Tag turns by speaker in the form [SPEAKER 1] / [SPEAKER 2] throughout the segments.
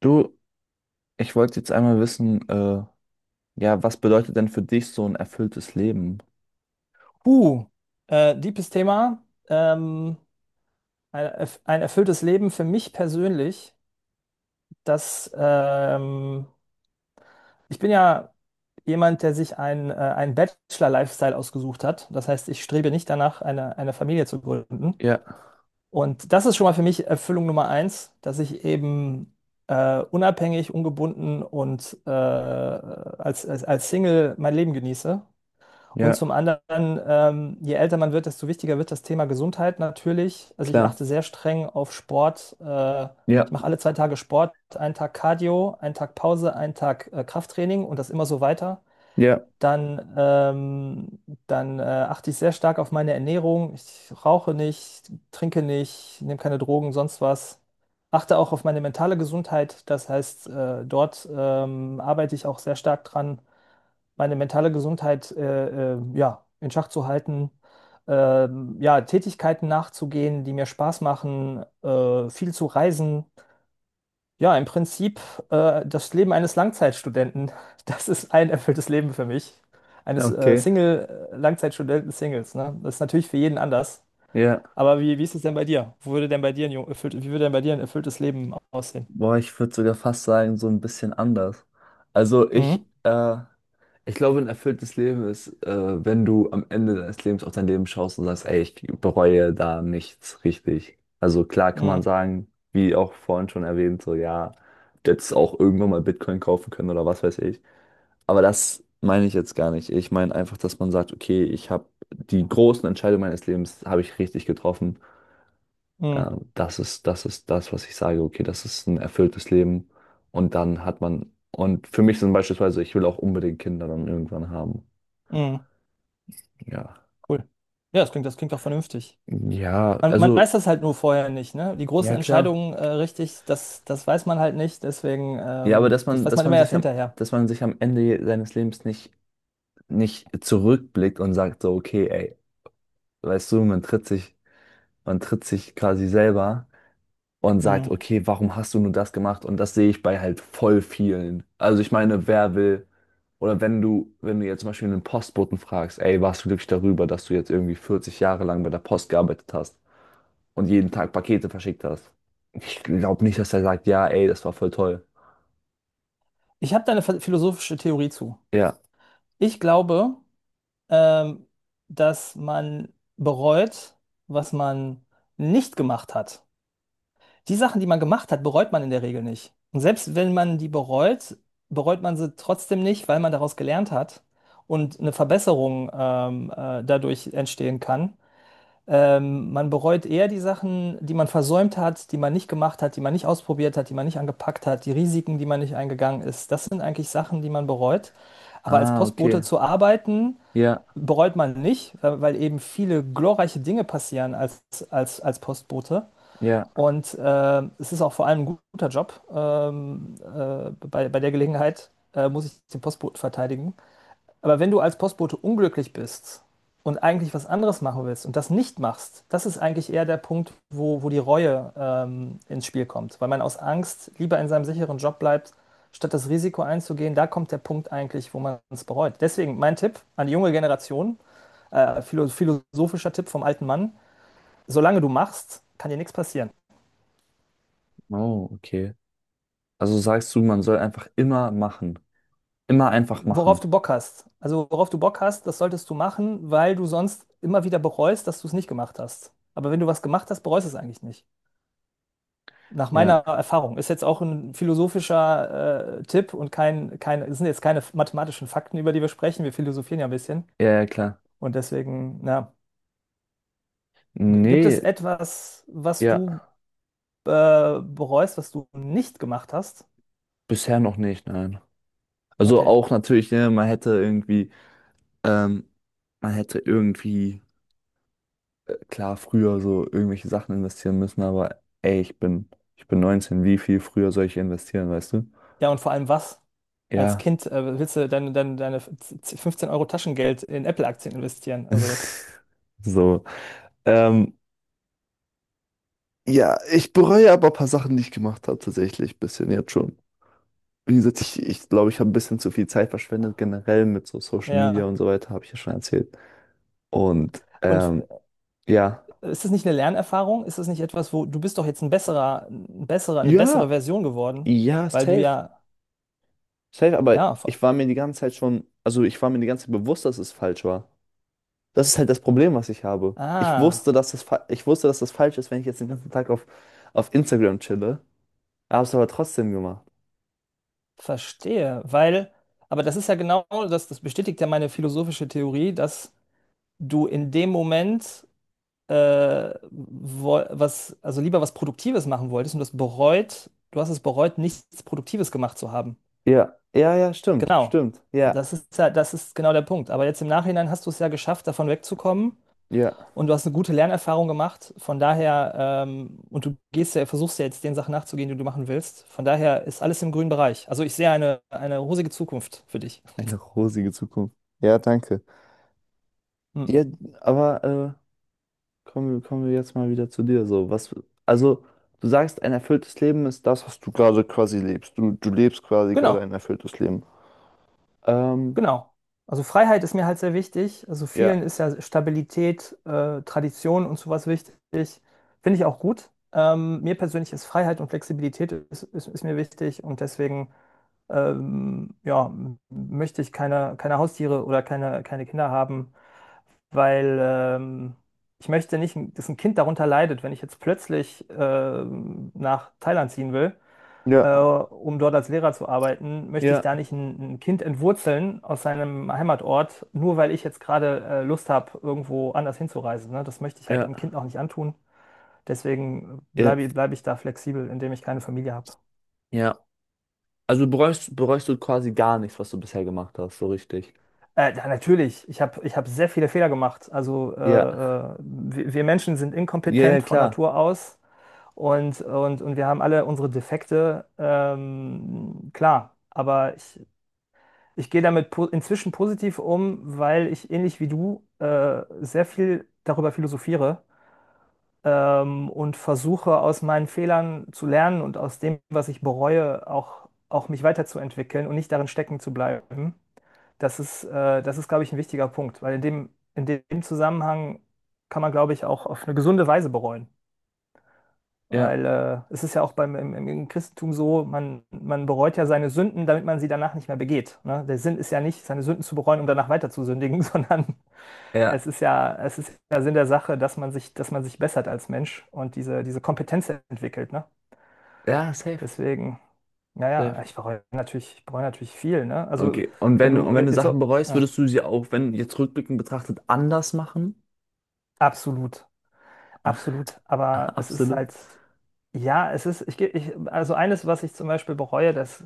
[SPEAKER 1] Du, ich wollte jetzt einmal wissen, ja, was bedeutet denn für dich so ein erfülltes Leben?
[SPEAKER 2] Huh, deepes Thema. Ähm, ein erfülltes Leben für mich persönlich. Das, ähm, Ich bin ja jemand, der sich ein Bachelor-Lifestyle ausgesucht hat. Das heißt, ich strebe nicht danach, eine Familie zu gründen.
[SPEAKER 1] Ja,
[SPEAKER 2] Und das ist schon mal für mich Erfüllung Nummer eins, dass ich eben unabhängig, ungebunden und als Single mein Leben genieße. Und zum
[SPEAKER 1] ja,
[SPEAKER 2] anderen, je älter man wird, desto wichtiger wird das Thema Gesundheit natürlich. Also ich
[SPEAKER 1] klar.
[SPEAKER 2] achte sehr streng auf Sport.
[SPEAKER 1] Ja,
[SPEAKER 2] Ich mache alle zwei Tage Sport, einen Tag Cardio, einen Tag Pause, einen Tag Krafttraining und das immer so weiter.
[SPEAKER 1] ja,
[SPEAKER 2] Dann, ähm, dann achte ich sehr stark auf meine Ernährung. Ich rauche nicht, trinke nicht, nehme keine Drogen, sonst was. Achte auch auf meine mentale Gesundheit. Das heißt, dort arbeite ich auch sehr stark dran, meine mentale Gesundheit ja, in Schach zu halten, ja, Tätigkeiten nachzugehen, die mir Spaß machen, viel zu reisen. Ja, im Prinzip das Leben eines Langzeitstudenten, das ist ein erfülltes Leben für mich. Eines
[SPEAKER 1] okay,
[SPEAKER 2] Single-Langzeitstudenten-Singles, ne? Das ist natürlich für jeden anders.
[SPEAKER 1] ja.
[SPEAKER 2] Aber wie ist es denn bei dir? Wo würde denn bei dir ein jung- erfüllt, wie würde denn bei dir ein erfülltes Leben aussehen?
[SPEAKER 1] Boah, ich würde sogar fast sagen, so ein bisschen anders. Also ich,
[SPEAKER 2] Mhm.
[SPEAKER 1] äh, ich glaube, ein erfülltes Leben ist, wenn du am Ende deines Lebens auf dein Leben schaust und sagst, ey, ich bereue da nichts richtig. Also klar kann man
[SPEAKER 2] Mhm.
[SPEAKER 1] sagen, wie auch vorhin schon erwähnt, so ja, jetzt auch irgendwann mal Bitcoin kaufen können oder was weiß ich. Aber das meine ich jetzt gar nicht. Ich meine einfach, dass man sagt, okay, ich habe die großen Entscheidungen meines Lebens habe ich richtig getroffen.
[SPEAKER 2] Mhm.
[SPEAKER 1] Das ist das, was ich sage. Okay, das ist ein erfülltes Leben. Und dann hat man, und für mich sind beispielsweise, ich will auch unbedingt Kinder dann irgendwann haben.
[SPEAKER 2] Mhm.
[SPEAKER 1] Ja.
[SPEAKER 2] Cool. Ja, das klingt auch vernünftig.
[SPEAKER 1] Ja,
[SPEAKER 2] Man weiß
[SPEAKER 1] also,
[SPEAKER 2] das halt nur vorher nicht, ne? Die großen
[SPEAKER 1] ja klar.
[SPEAKER 2] Entscheidungen richtig, das weiß man halt nicht, deswegen,
[SPEAKER 1] Ja, aber
[SPEAKER 2] ähm,
[SPEAKER 1] dass
[SPEAKER 2] das
[SPEAKER 1] man,
[SPEAKER 2] weiß
[SPEAKER 1] dass
[SPEAKER 2] man
[SPEAKER 1] man
[SPEAKER 2] immer erst
[SPEAKER 1] sich am,
[SPEAKER 2] hinterher.
[SPEAKER 1] dass man sich am Ende seines Lebens nicht, nicht zurückblickt und sagt so, okay, ey, weißt du, man tritt sich quasi selber und sagt,
[SPEAKER 2] Mhm.
[SPEAKER 1] okay, warum hast du nur das gemacht? Und das sehe ich bei halt voll vielen. Also ich meine, wer will, oder wenn du jetzt zum Beispiel einen Postboten fragst, ey, warst du glücklich darüber, dass du jetzt irgendwie 40 Jahre lang bei der Post gearbeitet hast und jeden Tag Pakete verschickt hast? Ich glaube nicht, dass er sagt, ja, ey, das war voll toll.
[SPEAKER 2] Ich habe da eine philosophische Theorie zu.
[SPEAKER 1] Ja.
[SPEAKER 2] Ich glaube, ähm, dass man bereut, was man nicht gemacht hat. Die Sachen, die man gemacht hat, bereut man in der Regel nicht. Und selbst wenn man die bereut, bereut man sie trotzdem nicht, weil man daraus gelernt hat und eine Verbesserung dadurch entstehen kann. Man bereut eher die Sachen, die man versäumt hat, die man nicht gemacht hat, die man nicht ausprobiert hat, die man nicht angepackt hat, die Risiken, die man nicht eingegangen ist. Das sind eigentlich Sachen, die man bereut. Aber als
[SPEAKER 1] Ah,
[SPEAKER 2] Postbote
[SPEAKER 1] okay.
[SPEAKER 2] zu arbeiten,
[SPEAKER 1] Ja,
[SPEAKER 2] bereut man nicht, weil eben viele glorreiche Dinge passieren als Postbote.
[SPEAKER 1] ja.
[SPEAKER 2] Und es ist auch vor allem ein guter Job. Bei, bei der Gelegenheit muss ich den Postboten verteidigen. Aber wenn du als Postbote unglücklich bist und eigentlich was anderes machen willst und das nicht machst, das ist eigentlich eher der Punkt, wo die Reue ins Spiel kommt, weil man aus Angst lieber in seinem sicheren Job bleibt, statt das Risiko einzugehen. Da kommt der Punkt eigentlich, wo man es bereut. Deswegen mein Tipp an die junge Generation, philosophischer Tipp vom alten Mann, solange du machst, kann dir nichts passieren.
[SPEAKER 1] Oh, okay. Also sagst du, man soll einfach immer machen. Immer einfach
[SPEAKER 2] Worauf
[SPEAKER 1] machen.
[SPEAKER 2] du Bock hast. Also worauf du Bock hast, das solltest du machen, weil du sonst immer wieder bereust, dass du es nicht gemacht hast. Aber wenn du was gemacht hast, bereust du es eigentlich nicht. Nach meiner
[SPEAKER 1] Ja,
[SPEAKER 2] Erfahrung, ist jetzt auch ein philosophischer Tipp und kein, kein, es sind jetzt keine mathematischen Fakten, über die wir sprechen. Wir philosophieren ja ein bisschen.
[SPEAKER 1] ja, ja, klar.
[SPEAKER 2] Und deswegen, na, gibt es
[SPEAKER 1] Nee,
[SPEAKER 2] etwas, was
[SPEAKER 1] ja,
[SPEAKER 2] du bereust, was du nicht gemacht hast?
[SPEAKER 1] bisher noch nicht, nein. Also
[SPEAKER 2] Okay.
[SPEAKER 1] auch natürlich, ne, ähm, man hätte irgendwie, klar, früher so irgendwelche Sachen investieren müssen, aber ey, ich bin 19, wie viel früher soll ich investieren, weißt du?
[SPEAKER 2] Ja, und vor allem was? Als
[SPEAKER 1] Ja.
[SPEAKER 2] Kind willst du deine 15 Euro Taschengeld in Apple-Aktien investieren. Also das,
[SPEAKER 1] So. Ähm, ja, ich bereue aber ein paar Sachen, die ich gemacht habe, tatsächlich ein bisschen jetzt schon. Wie gesagt, ich glaube, ich habe ein bisschen zu viel Zeit verschwendet, generell mit so Social Media
[SPEAKER 2] ja.
[SPEAKER 1] und so weiter, habe ich ja schon erzählt. Und
[SPEAKER 2] Und
[SPEAKER 1] ja.
[SPEAKER 2] ist das nicht eine Lernerfahrung? Ist das nicht etwas, wo du bist doch jetzt ein besserer, eine bessere
[SPEAKER 1] Ja,
[SPEAKER 2] Version geworden?
[SPEAKER 1] ja,
[SPEAKER 2] Weil du
[SPEAKER 1] safe.
[SPEAKER 2] ja
[SPEAKER 1] Safe, aber
[SPEAKER 2] Ja, ver-
[SPEAKER 1] ich war mir die ganze Zeit schon, also ich war mir die ganze Zeit bewusst, dass es falsch war. Das ist halt das Problem, was ich habe. Ich wusste,
[SPEAKER 2] ah,
[SPEAKER 1] ich wusste, dass das falsch ist, wenn ich jetzt den ganzen Tag auf Instagram chille. Hab's aber trotzdem gemacht.
[SPEAKER 2] verstehe. Weil, aber das ist ja genau das, das bestätigt ja meine philosophische Theorie, dass du in dem Moment also lieber was Produktives machen wolltest und das bereut, du hast es bereut, nichts Produktives gemacht zu haben.
[SPEAKER 1] Ja, ja, ja, stimmt,
[SPEAKER 2] Genau.
[SPEAKER 1] stimmt. Ja,
[SPEAKER 2] Das ist ja, das ist genau der Punkt. Aber jetzt im Nachhinein hast du es ja geschafft, davon wegzukommen.
[SPEAKER 1] ja.
[SPEAKER 2] Und du hast eine gute Lernerfahrung gemacht, von daher, und du gehst ja, versuchst ja jetzt den Sachen nachzugehen, die du machen willst. Von daher ist alles im grünen Bereich. Also ich sehe eine rosige Zukunft für dich.
[SPEAKER 1] Eine rosige Zukunft. Ja, danke.
[SPEAKER 2] Hm.
[SPEAKER 1] Ja, aber kommen wir jetzt mal wieder zu dir. So, was, also, du sagst, ein erfülltes Leben ist das, was du gerade quasi lebst. Du lebst quasi gerade ein
[SPEAKER 2] Genau.
[SPEAKER 1] erfülltes Leben. Ähm,
[SPEAKER 2] Genau. Also Freiheit ist mir halt sehr wichtig. Also
[SPEAKER 1] ja.
[SPEAKER 2] vielen ist ja Stabilität, Tradition und sowas wichtig. Finde ich auch gut. Mir persönlich ist Freiheit und Flexibilität ist mir wichtig und deswegen ja, möchte ich keine Haustiere oder keine Kinder haben, weil ich möchte nicht, dass ein Kind darunter leidet, wenn ich jetzt plötzlich nach Thailand ziehen will,
[SPEAKER 1] Ja,
[SPEAKER 2] um dort als Lehrer zu arbeiten, möchte ich
[SPEAKER 1] ja,
[SPEAKER 2] da nicht ein Kind entwurzeln aus seinem Heimatort, nur weil ich jetzt gerade Lust habe, irgendwo anders hinzureisen. Ne? Das möchte ich halt einem
[SPEAKER 1] ja,
[SPEAKER 2] Kind auch nicht antun. Deswegen
[SPEAKER 1] ja,
[SPEAKER 2] bleibe ich da flexibel, indem ich keine Familie habe.
[SPEAKER 1] ja. Also bereust du quasi gar nichts, was du bisher gemacht hast, so richtig.
[SPEAKER 2] Ja, natürlich, ich hab sehr viele Fehler gemacht. Also
[SPEAKER 1] Ja,
[SPEAKER 2] wir Menschen sind
[SPEAKER 1] ja, ja,
[SPEAKER 2] inkompetent von
[SPEAKER 1] klar.
[SPEAKER 2] Natur aus und, und wir haben alle unsere Defekte, klar. Ich gehe damit po inzwischen positiv um, weil ich ähnlich wie du sehr viel darüber philosophiere, und versuche aus meinen Fehlern zu lernen und aus dem, was ich bereue, auch mich weiterzuentwickeln und nicht darin stecken zu bleiben. Das ist, glaube ich, ein wichtiger Punkt, weil in dem Zusammenhang kann man, glaube ich, auch auf eine gesunde Weise bereuen.
[SPEAKER 1] Ja,
[SPEAKER 2] Weil es ist ja auch beim, im Christentum so, man bereut ja seine Sünden, damit man sie danach nicht mehr begeht. Ne? Der Sinn ist ja nicht, seine Sünden zu bereuen, um danach weiter zu sündigen, sondern
[SPEAKER 1] ja,
[SPEAKER 2] es ist ja Sinn der Sache, dass man sich bessert als Mensch und diese Kompetenz entwickelt. Ne?
[SPEAKER 1] ja, safe,
[SPEAKER 2] Deswegen, naja,
[SPEAKER 1] safe.
[SPEAKER 2] ich bereue natürlich viel. Ne? Also,
[SPEAKER 1] Okay. Und
[SPEAKER 2] wenn
[SPEAKER 1] wenn,
[SPEAKER 2] du
[SPEAKER 1] und wenn du
[SPEAKER 2] jetzt so,
[SPEAKER 1] Sachen bereust,
[SPEAKER 2] ja,
[SPEAKER 1] würdest du sie auch, wenn jetzt rückblickend betrachtet, anders machen?
[SPEAKER 2] absolut, absolut. Aber es ist
[SPEAKER 1] Absolut.
[SPEAKER 2] halt, ja, es ist, also eines, was ich zum Beispiel bereue, dass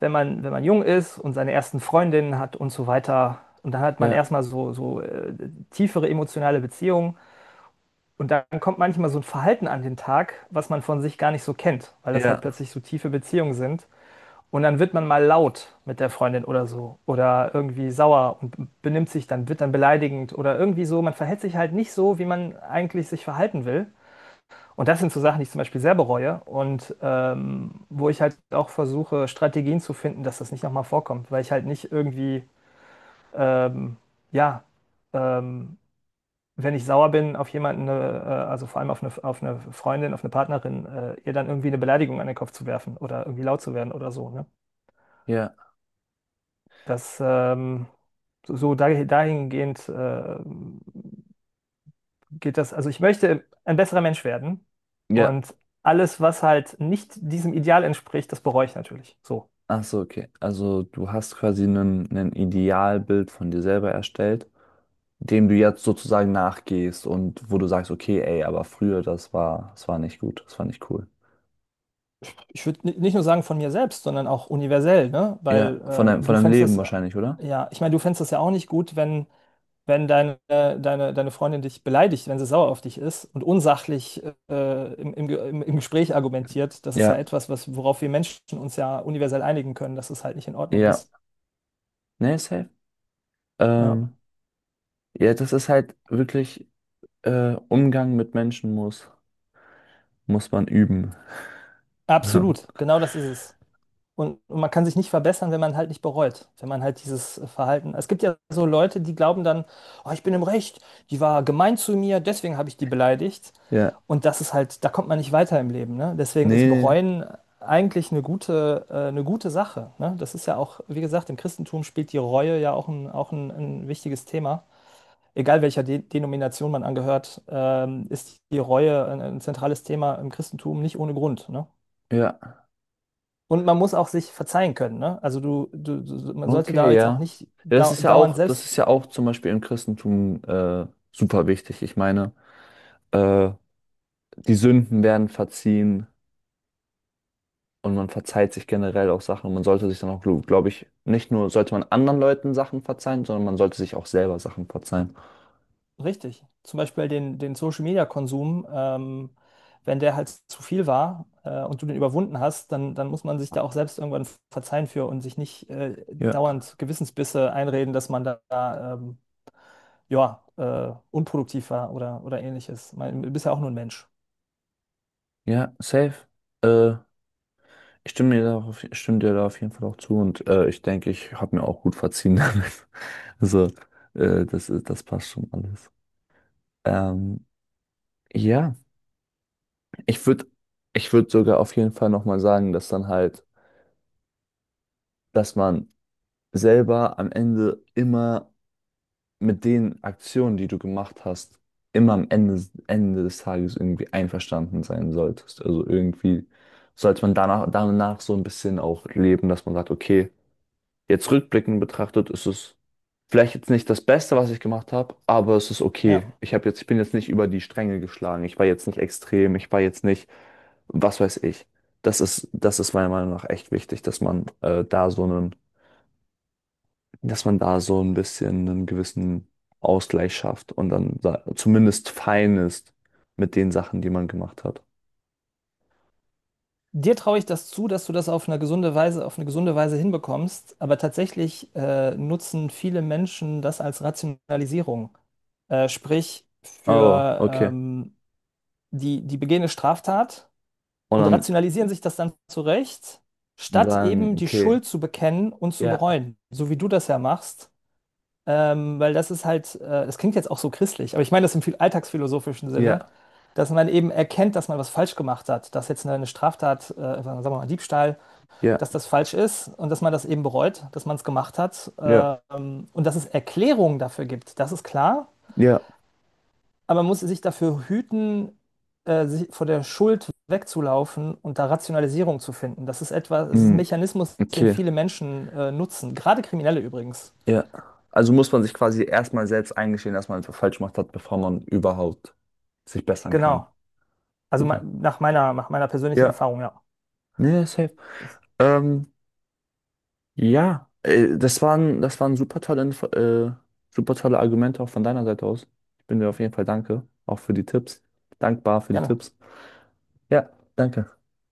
[SPEAKER 2] wenn man jung ist und seine ersten Freundinnen hat und so weiter. Und dann hat man
[SPEAKER 1] Ja,
[SPEAKER 2] erstmal so tiefere emotionale Beziehungen. Und dann kommt manchmal so ein Verhalten an den Tag, was man von sich gar nicht so kennt, weil das halt
[SPEAKER 1] ja,
[SPEAKER 2] plötzlich so tiefe Beziehungen sind. Und dann wird man mal laut mit der Freundin oder so. Oder irgendwie sauer und benimmt sich dann, wird dann beleidigend oder irgendwie so. Man verhält sich halt nicht so, wie man eigentlich sich verhalten will. Und das sind so Sachen, die ich zum Beispiel sehr bereue und wo ich halt auch versuche, Strategien zu finden, dass das nicht nochmal vorkommt, weil ich halt nicht irgendwie, ähm, ja, ähm, wenn ich sauer bin auf jemanden, also vor allem auf eine Freundin, auf eine Partnerin, ihr dann irgendwie eine Beleidigung an den Kopf zu werfen oder irgendwie laut zu werden oder so. Ne?
[SPEAKER 1] ja,
[SPEAKER 2] Das dahingehend geht das, also ich möchte ein besserer Mensch werden
[SPEAKER 1] ja.
[SPEAKER 2] und alles, was halt nicht diesem Ideal entspricht, das bereue ich natürlich. So.
[SPEAKER 1] Ach so, okay. Also du hast quasi ein Idealbild von dir selber erstellt, dem du jetzt sozusagen nachgehst und wo du sagst, okay, ey, aber früher, das war nicht gut, das war nicht cool.
[SPEAKER 2] Ich würde nicht nur sagen von mir selbst, sondern auch universell, ne?
[SPEAKER 1] Ja, von
[SPEAKER 2] Weil
[SPEAKER 1] deinem, von deinem Leben wahrscheinlich, oder?
[SPEAKER 2] ja, ich meine, du fändest das ja auch nicht gut, wenn deine Freundin dich beleidigt, wenn sie sauer auf dich ist und unsachlich im Gespräch argumentiert. Das ist ja
[SPEAKER 1] Ja,
[SPEAKER 2] etwas, was, worauf wir Menschen uns ja universell einigen können, dass es halt nicht in Ordnung
[SPEAKER 1] ja.
[SPEAKER 2] ist.
[SPEAKER 1] Nee, safe.
[SPEAKER 2] Ja.
[SPEAKER 1] Ähm, ja, das ist halt wirklich, Umgang mit Menschen muss, muss man üben.
[SPEAKER 2] Absolut, genau das ist es. Und man kann sich nicht verbessern, wenn man halt nicht bereut, wenn man halt dieses Verhalten. Es gibt ja so Leute, die glauben dann, oh, ich bin im Recht, die war gemein zu mir, deswegen habe ich die beleidigt.
[SPEAKER 1] Ja,
[SPEAKER 2] Und das ist halt, da kommt man nicht weiter im Leben, ne? Deswegen ist
[SPEAKER 1] nee,
[SPEAKER 2] Bereuen eigentlich eine gute Sache, ne? Das ist ja auch, wie gesagt, im Christentum spielt die Reue ja ein wichtiges Thema. Egal welcher De Denomination man angehört, ist die Reue ein zentrales Thema im Christentum nicht ohne Grund, ne?
[SPEAKER 1] ja,
[SPEAKER 2] Und man muss auch sich verzeihen können, ne? Also so, man sollte da
[SPEAKER 1] okay,
[SPEAKER 2] jetzt auch
[SPEAKER 1] ja.
[SPEAKER 2] nicht
[SPEAKER 1] Ja, das ist ja
[SPEAKER 2] dauernd
[SPEAKER 1] auch, das
[SPEAKER 2] selbst
[SPEAKER 1] ist ja auch zum Beispiel im Christentum super wichtig. Ich meine, äh, die Sünden werden verziehen, und man verzeiht sich generell auch Sachen. Und man sollte sich dann auch, glaube ich, nicht nur sollte man anderen Leuten Sachen verzeihen, sondern man sollte sich auch selber Sachen verzeihen.
[SPEAKER 2] richtig. Zum Beispiel den Social Media Konsum, wenn der halt zu viel war und du den überwunden hast, dann muss man sich da auch selbst irgendwann verzeihen für und sich nicht
[SPEAKER 1] Ja,
[SPEAKER 2] dauernd Gewissensbisse einreden, dass man da, ähm, ja, unproduktiv war oder ähnliches. Man, du bist ja auch nur ein Mensch.
[SPEAKER 1] ja, safe. Äh, ich stimme dir da auf, ich stimme dir da auf jeden Fall auch zu und ich denke, ich habe mir auch gut verziehen damit. Also, das ist, das passt schon alles. Ähm, ja, ich würde, ich würde sogar auf jeden Fall nochmal sagen, dass dann halt, dass man selber am Ende immer mit den Aktionen, die du gemacht hast, immer am Ende, Ende des Tages irgendwie einverstanden sein solltest. Also irgendwie sollte man danach so ein bisschen auch leben, dass man sagt, okay, jetzt rückblickend betrachtet, ist es vielleicht jetzt nicht das Beste, was ich gemacht habe, aber es ist okay.
[SPEAKER 2] Ja.
[SPEAKER 1] Ich habe jetzt, ich bin jetzt nicht über die Stränge geschlagen. Ich war jetzt nicht extrem. Ich war jetzt nicht, was weiß ich. Das ist meiner Meinung nach echt wichtig, dass man da so einen, dass man da so ein bisschen einen gewissen Ausgleich schafft und dann zumindest fein ist mit den Sachen, die man gemacht hat.
[SPEAKER 2] Dir traue ich das zu, dass du das auf eine gesunde Weise, auf eine gesunde Weise hinbekommst, aber tatsächlich nutzen viele Menschen das als Rationalisierung. Sprich,
[SPEAKER 1] Oh,
[SPEAKER 2] für
[SPEAKER 1] okay.
[SPEAKER 2] die, die begehene Straftat
[SPEAKER 1] Und
[SPEAKER 2] und
[SPEAKER 1] dann
[SPEAKER 2] rationalisieren sich das dann zurecht, statt
[SPEAKER 1] sagen,
[SPEAKER 2] eben die
[SPEAKER 1] okay,
[SPEAKER 2] Schuld zu bekennen und zu
[SPEAKER 1] ja,
[SPEAKER 2] bereuen, so wie du das ja machst. Weil das ist halt, das klingt jetzt auch so christlich, aber ich meine das im viel alltagsphilosophischen Sinne,
[SPEAKER 1] ja,
[SPEAKER 2] dass man eben erkennt, dass man was falsch gemacht hat, dass jetzt eine Straftat, sagen wir mal Diebstahl,
[SPEAKER 1] ja,
[SPEAKER 2] dass das falsch ist und dass man das eben bereut, dass man es gemacht hat,
[SPEAKER 1] ja,
[SPEAKER 2] und dass es Erklärungen dafür gibt, das ist klar,
[SPEAKER 1] ja,
[SPEAKER 2] aber man muss sich dafür hüten, sich vor der Schuld wegzulaufen und da Rationalisierung zu finden. Das ist etwas, es ist ein
[SPEAKER 1] mm,
[SPEAKER 2] Mechanismus, den
[SPEAKER 1] okay,
[SPEAKER 2] viele Menschen nutzen, gerade Kriminelle übrigens.
[SPEAKER 1] ja. Also muss man sich quasi erstmal selbst eingestehen, dass man etwas falsch gemacht hat, bevor man überhaupt sich bessern kann.
[SPEAKER 2] Genau. Also
[SPEAKER 1] Super.
[SPEAKER 2] nach meiner persönlichen
[SPEAKER 1] Ja,
[SPEAKER 2] Erfahrung, ja.
[SPEAKER 1] nee, safe.
[SPEAKER 2] Das,
[SPEAKER 1] Ähm, Ja, das waren super tolle, super tolle Argumente auch von deiner Seite aus. Ich bin dir auf jeden Fall danke, auch für die Tipps. Dankbar für die
[SPEAKER 2] gerne.
[SPEAKER 1] Tipps. Ja, danke.